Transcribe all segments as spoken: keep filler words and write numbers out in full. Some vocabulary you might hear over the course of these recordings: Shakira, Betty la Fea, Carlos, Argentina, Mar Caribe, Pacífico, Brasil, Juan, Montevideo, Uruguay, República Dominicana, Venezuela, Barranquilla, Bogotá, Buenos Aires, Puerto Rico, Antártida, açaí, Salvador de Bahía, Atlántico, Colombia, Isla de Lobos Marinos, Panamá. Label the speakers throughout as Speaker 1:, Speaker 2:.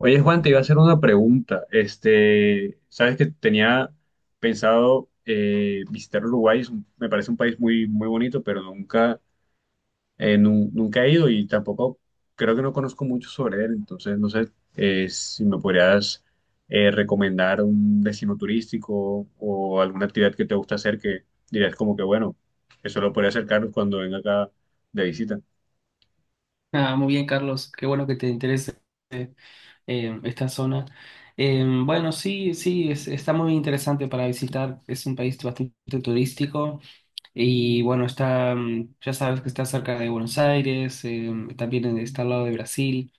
Speaker 1: Oye, Juan, te iba a hacer una pregunta. Este, sabes que tenía pensado eh, visitar Uruguay, es un- me parece un país muy, muy bonito, pero nunca, eh, nu- nunca he ido y tampoco creo que no conozco mucho sobre él. Entonces, no sé, eh, si me podrías eh, recomendar un destino turístico o alguna actividad que te gusta hacer que dirías como que, bueno, eso lo podría acercar cuando venga acá de visita.
Speaker 2: Ah, muy bien, Carlos. Qué bueno que te interese eh, esta zona. Eh, bueno, sí, sí, es- está muy interesante para visitar. Es un país bastante turístico y bueno, está, mm, ya sabes que está cerca de Buenos Aires, eh, también está al lado de Brasil.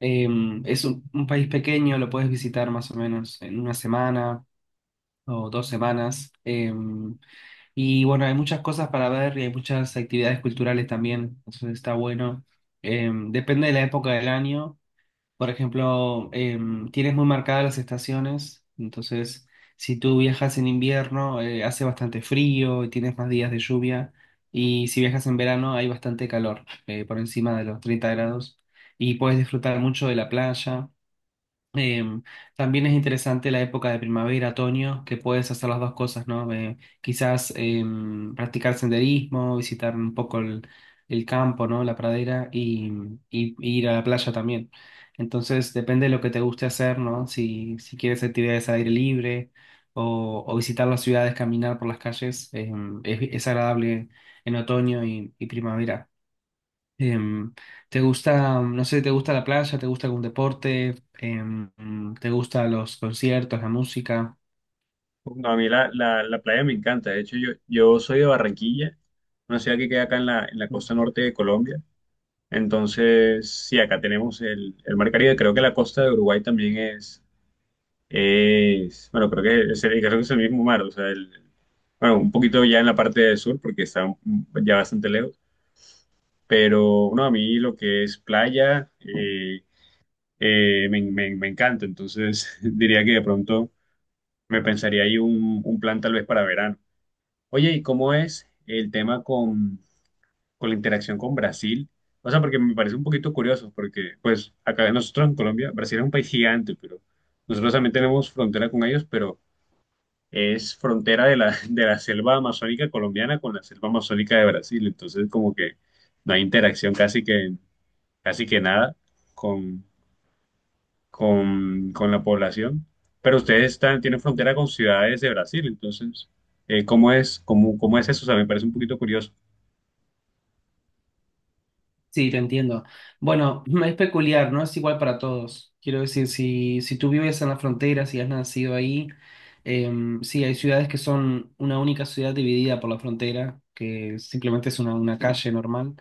Speaker 2: Eh, es un, un país pequeño, lo puedes visitar más o menos en una semana o dos semanas. Em, y bueno, hay muchas cosas para ver y hay muchas actividades culturales también, entonces está bueno. Em, depende de la época del año. Por ejemplo, em, tienes muy marcadas las estaciones, entonces si tú viajas en invierno, eh, hace bastante frío y tienes más días de lluvia. Y si viajas en verano, hay bastante calor, eh, por encima de los treinta grados. Y puedes disfrutar mucho de la playa. Em, También es interesante la época de primavera, otoño, que puedes hacer las dos cosas, ¿no? Eh, quizás em, practicar senderismo, visitar un poco el, el campo, ¿no? La pradera y, y- y ir a la playa también. Entonces, depende de lo que te guste hacer, ¿no? Si, si quieres actividades al aire libre o, o visitar las ciudades, caminar por las calles, em, es, es agradable en otoño y, y primavera. Em, ¿Te gusta, no sé, te gusta la playa, te gusta algún deporte, Em, te gusta los conciertos, la música?
Speaker 1: No, a mí la, la, la playa me encanta. De hecho, yo, yo soy de Barranquilla, una ciudad que queda acá en la, en la costa norte de Colombia. Entonces, sí, acá tenemos el, el Mar Caribe. Creo que la costa de Uruguay también es, es bueno, creo que es el, creo que es el mismo mar. O sea, el, bueno, un poquito ya en la parte del sur, porque está un- ya bastante lejos. Pero, no, a mí lo que es playa eh, eh, me, me, me encanta. Entonces, diría que de pronto me pensaría ahí un, un plan tal vez para verano. Oye, ¿y cómo es el tema con, con la interacción con Brasil? O sea, porque me parece un poquito curioso, porque pues acá nosotros en Colombia, Brasil es un país gigante, pero nosotros también tenemos frontera con ellos, pero es frontera de la, de la selva amazónica colombiana con la selva amazónica de Brasil, entonces como que no hay interacción casi que, casi que nada con, con, con la población, pero ustedes están, tienen frontera con ciudades de Brasil, entonces, eh, ¿cómo es, cómo, cómo es eso? O sea, me parece un poquito curioso.
Speaker 2: Sí, te entiendo. Bueno, es peculiar, no es igual para todos. Quiero decir, si, si tú vives en la frontera, si has nacido ahí, em, sí, hay ciudades que son una única ciudad dividida por la frontera, que simplemente es una, una calle normal.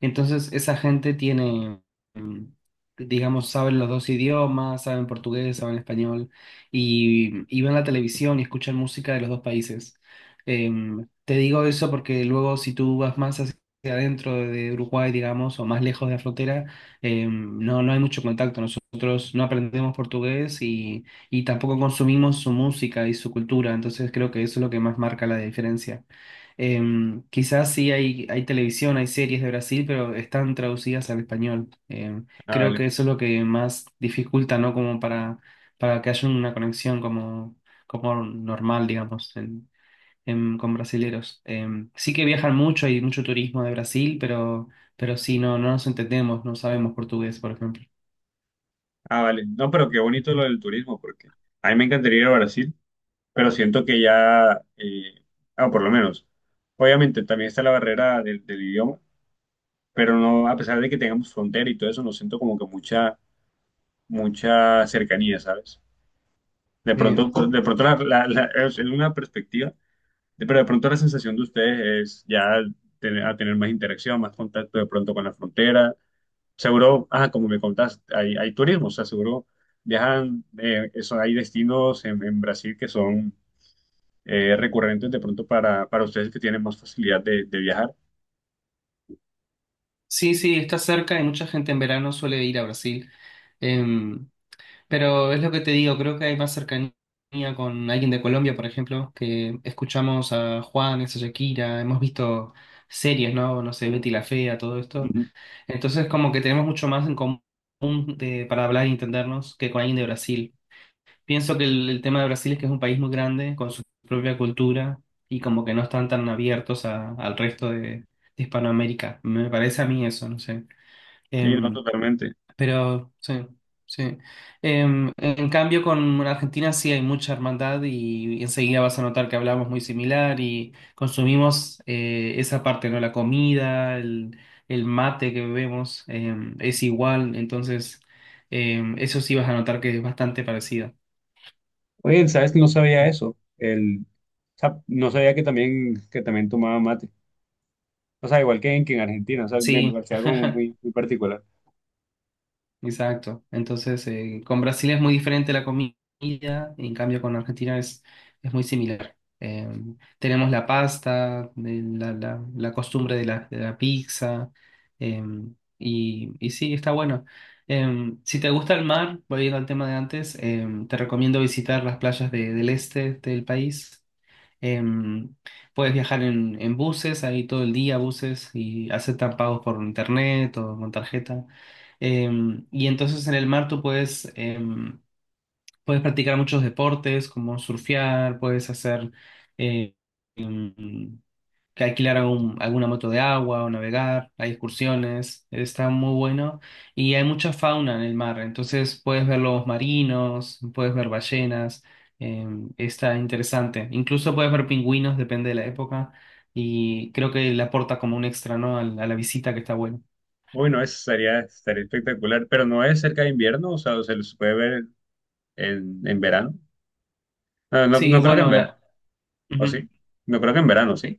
Speaker 2: Entonces, esa gente tiene, em, digamos, saben los dos idiomas, saben portugués, saben español, y, y ven la televisión y escuchan música de los dos países. Em, te digo eso porque luego si tú vas más sea dentro de Uruguay, digamos, o más lejos de la frontera, eh, no, no hay mucho contacto. Nosotros no aprendemos portugués y, y tampoco consumimos su música y su cultura, entonces creo que eso es lo que más marca la diferencia. Em, quizás sí hay, hay televisión, hay series de Brasil, pero están traducidas al español. Em,
Speaker 1: Ah,
Speaker 2: creo que
Speaker 1: vale.
Speaker 2: eso es lo que más dificulta, ¿no? Como para, para que haya una conexión como, como normal, digamos em, con brasileros. Em, sí que viajan mucho, hay mucho turismo de Brasil, pero, pero sí, no, no nos entendemos, no sabemos portugués, por ejemplo.
Speaker 1: Ah, vale. No, pero qué bonito
Speaker 2: Ujú.
Speaker 1: lo del turismo, porque a mí me encantaría ir a Brasil, pero siento que ya, eh, ah, por lo menos, obviamente también está la barrera del, del idioma, pero no, a pesar de que tengamos frontera y todo eso, no siento como que mucha, mucha cercanía, ¿sabes? De
Speaker 2: Eh,
Speaker 1: pronto, de pronto la, la- la- es una perspectiva, de- pero de pronto la sensación de ustedes es ya tener, a tener más interacción, más contacto de pronto con la frontera. Seguro, ah, como me contás, hay, hay turismo, o sea, seguro viajan, eh, eso, hay destinos en, en Brasil que son eh, recurrentes de pronto para, para ustedes que tienen más facilidad de, de viajar.
Speaker 2: sí, sí, está cerca y mucha gente en verano suele ir a Brasil. Em, pero es lo que te digo, creo que hay más cercanía con alguien de Colombia, por ejemplo, que escuchamos a Juan, a Shakira, hemos visto series, ¿no? No sé, Betty la Fea, todo esto.
Speaker 1: Ujú.
Speaker 2: Entonces, como que tenemos mucho más en común de- para hablar y entendernos que con alguien de Brasil. Pienso que el, el tema de Brasil es que es un país muy grande, con su propia cultura, y como que no están tan abiertos a- al resto de, de Hispanoamérica. Me parece a mí eso, no sé.
Speaker 1: Sí, no,
Speaker 2: Em,
Speaker 1: totalmente.
Speaker 2: pero sí, sí. Em, en cambio, con Argentina sí hay mucha hermandad y, enseguida vas a notar que hablamos muy similar y consumimos eh, esa parte, ¿no? La comida, el, el mate que bebemos, em, es igual, entonces em, eso sí vas a notar que es bastante parecido.
Speaker 1: Oye, ¿sabes que no sabía eso? El, o sea, no sabía que también, que también tomaba mate. O sea, igual que en, que en Argentina, o sea, me me
Speaker 2: Sí,
Speaker 1: parecía algo muy, muy particular.
Speaker 2: exacto. Entonces, eh, con Brasil es muy diferente la comida, en cambio con Argentina es, es muy similar. Eh, tenemos la pasta, de la, la- la costumbre de la, de la pizza, eh, y, y sí, está bueno. Eh, si te gusta el mar, volviendo al tema de antes, eh, te recomiendo visitar las playas de- del este del país. Em, Puedes viajar en, en buses, ahí todo el día buses y aceptan pagos por internet o con tarjeta. Em, y entonces en el mar tú puedes, em, puedes practicar muchos deportes como surfear, puedes hacer... eh, em, que alquilar algún- alguna moto de agua o navegar, hay excursiones, está muy bueno y hay mucha fauna en el mar, entonces puedes ver lobos marinos, puedes ver ballenas, eh, está interesante, incluso puedes ver pingüinos, depende de la época y creo que le aporta como un extra, ¿no? a, la a la visita que está bueno.
Speaker 1: Uy, no, eso sería, estaría espectacular, pero no es cerca de invierno, o sea, se los puede ver en, en verano. No, no,
Speaker 2: Sí,
Speaker 1: no creo que en
Speaker 2: bueno,
Speaker 1: verano.
Speaker 2: la...
Speaker 1: ¿O
Speaker 2: ujú.
Speaker 1: sí? No creo que en verano, ¿sí?
Speaker 2: Eh,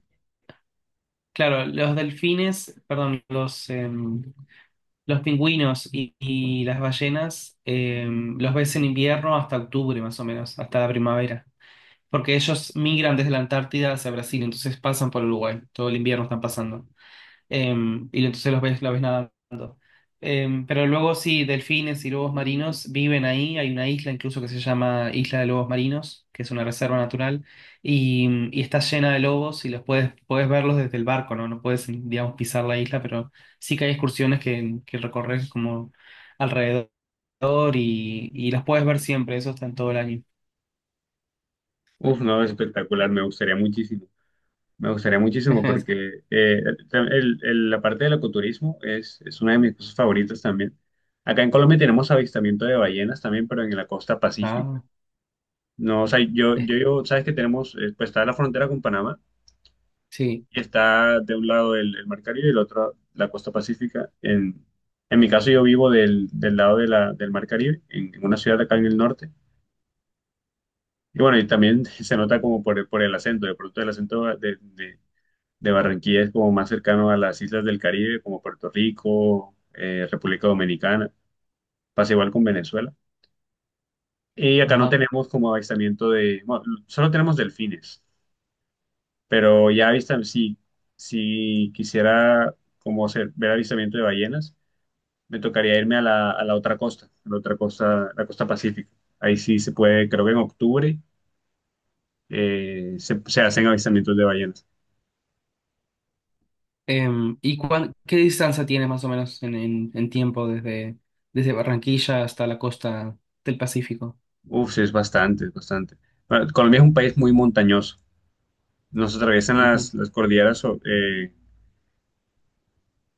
Speaker 2: Claro, los delfines, perdón, los, em, los pingüinos y, y las ballenas eh, los ves en invierno hasta octubre más o menos, hasta la primavera, porque ellos migran desde la Antártida hacia Brasil, entonces pasan por Uruguay, todo el invierno están pasando em, y entonces los ves, la ves nadando. Em, pero luego sí, delfines y lobos marinos viven ahí, hay una isla incluso que se llama Isla de Lobos Marinos, que es una reserva natural, y, mm, y está llena de lobos y los puedes, puedes verlos desde el barco, ¿no? No puedes, digamos, pisar la isla, pero sí que hay excursiones que, que recorres como alrededor y, y las puedes ver siempre, eso está en todo el año.
Speaker 1: Uf, no, espectacular, me gustaría muchísimo. Me gustaría muchísimo porque eh, el- el- el- la parte del ecoturismo es, es una de mis cosas favoritas también. Acá en Colombia tenemos avistamiento de ballenas también, pero en la costa pacífica.
Speaker 2: Ah,
Speaker 1: No, o sea, yo,
Speaker 2: eh,
Speaker 1: yo, yo- sabes que tenemos, eh, pues está la frontera con Panamá
Speaker 2: sí,
Speaker 1: y está de un lado el, el Mar Caribe y del otro la costa pacífica. En, en mi caso yo vivo del, del lado de la, del Mar Caribe, en, en una ciudad acá en el norte. Y bueno, y también se nota como por, el- por el acento, de pronto el acento de, de- de Barranquilla es como más cercano a las islas del Caribe, como Puerto Rico, eh, República Dominicana. Pasa igual con Venezuela. Y acá no
Speaker 2: ajá.
Speaker 1: tenemos como avistamiento de, bueno, solo tenemos delfines, pero ya avistan, si, si quisiera como hacer, ver avistamiento de ballenas, me tocaría irme a la, a la otra costa, a la otra costa, la costa pacífica. Ahí sí se puede, creo que en octubre eh, se se hacen avistamientos de ballenas.
Speaker 2: Em, ¿y cuán- qué distancia tiene más o menos en, en- en tiempo desde, desde Barranquilla hasta la costa del Pacífico?
Speaker 1: Uf, sí, es bastante, es bastante. Bueno, Colombia es un país muy montañoso. Nos atraviesan
Speaker 2: Ujú.
Speaker 1: las, las cordilleras, o- eh,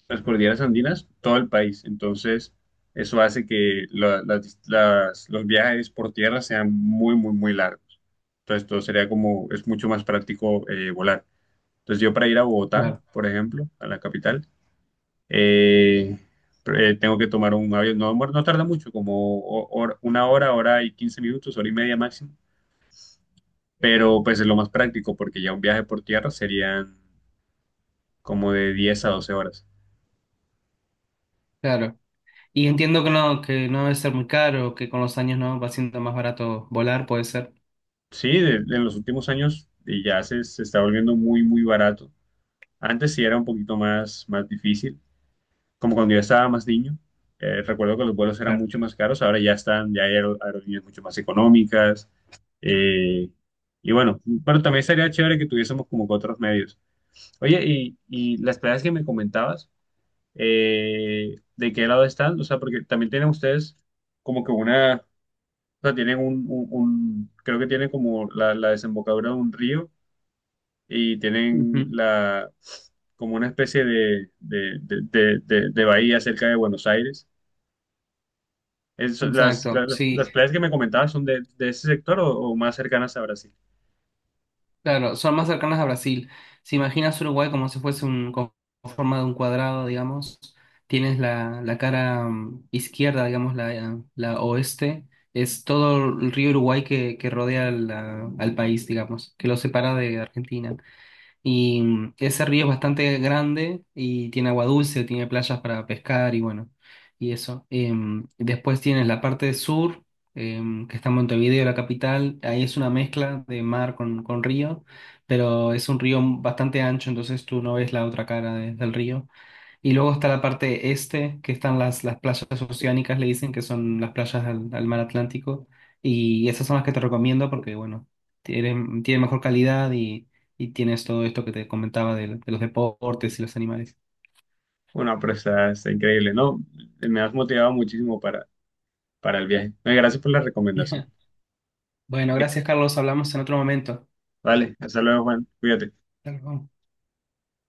Speaker 1: las cordilleras andinas, todo el país. Entonces, eso hace que la- las- dis- las- los viajes por tierra sean muy, muy, muy largos. Entonces, todo sería como, es mucho más práctico eh, volar. Entonces, yo para ir a Bogotá,
Speaker 2: Claro,
Speaker 1: por ejemplo, a la capital, eh, pr- eh, tengo que tomar un avión. No, no tarda mucho, como ho- hora- una hora, hora y quince minutos, hora y media máximo, pero pues es lo más práctico porque ya un viaje por tierra serían como de diez a doce horas.
Speaker 2: claro. Y entiendo que no, que no debe ser muy caro, que con los años no va siendo más barato volar, puede ser.
Speaker 1: Sí, de- en los últimos años eh, ya se, se está volviendo muy, muy barato. Antes sí era un poquito más, más difícil, como cuando yo estaba más niño. Eh, recuerdo que los vuelos eran
Speaker 2: Claro.
Speaker 1: mucho más caros, ahora ya están, ya hay aer- aerolíneas mucho más económicas. eh, y bueno, pero también sería chévere que tuviésemos como que otros medios. Oye, y, y las playas que me comentabas, eh, de qué lado están, o sea, porque también tienen ustedes como que una, o sea, tienen un, un- un- creo que tienen como la, la desembocadura de un río y tienen
Speaker 2: Ujú.
Speaker 1: la, como una especie de, de, de, de- de- de bahía cerca de Buenos Aires. Es- las,
Speaker 2: Exacto,
Speaker 1: las,
Speaker 2: sí.
Speaker 1: las playas que me comentabas son de, de ese sector o, o más cercanas a Brasil.
Speaker 2: Claro, son más cercanas a Brasil. Si imaginas Uruguay como si fuese un, con forma de un cuadrado, digamos, tienes la, la cara mm, izquierda, digamos, la, la oeste, es todo el río Uruguay que, que rodea la- al país, digamos, que lo separa de Argentina. Y mm, ese río es bastante grande y tiene agua dulce, tiene playas para pescar y bueno, y eso. Em, después tienes la parte sur, em, que está en Montevideo, la capital. Ahí es una mezcla de mar con, con río, pero es un río bastante ancho, entonces tú no ves la otra cara de- del río. Y luego está la parte este, que están las, las playas oceánicas, le dicen, que son las playas al, al mar Atlántico. Y esas son las que te recomiendo porque, bueno, tienen, tienen mejor calidad y, y tienes todo esto que te comentaba de, de los deportes y los animales.
Speaker 1: Bueno, pero está, está increíble, ¿no? Me has motivado muchísimo para, para el viaje. Eh, Gracias por la recomendación.
Speaker 2: Bueno,
Speaker 1: Eh,
Speaker 2: gracias, Carlos. Hablamos en otro momento.
Speaker 1: Vale, hasta luego, Juan. Cuídate.
Speaker 2: Hasta luego.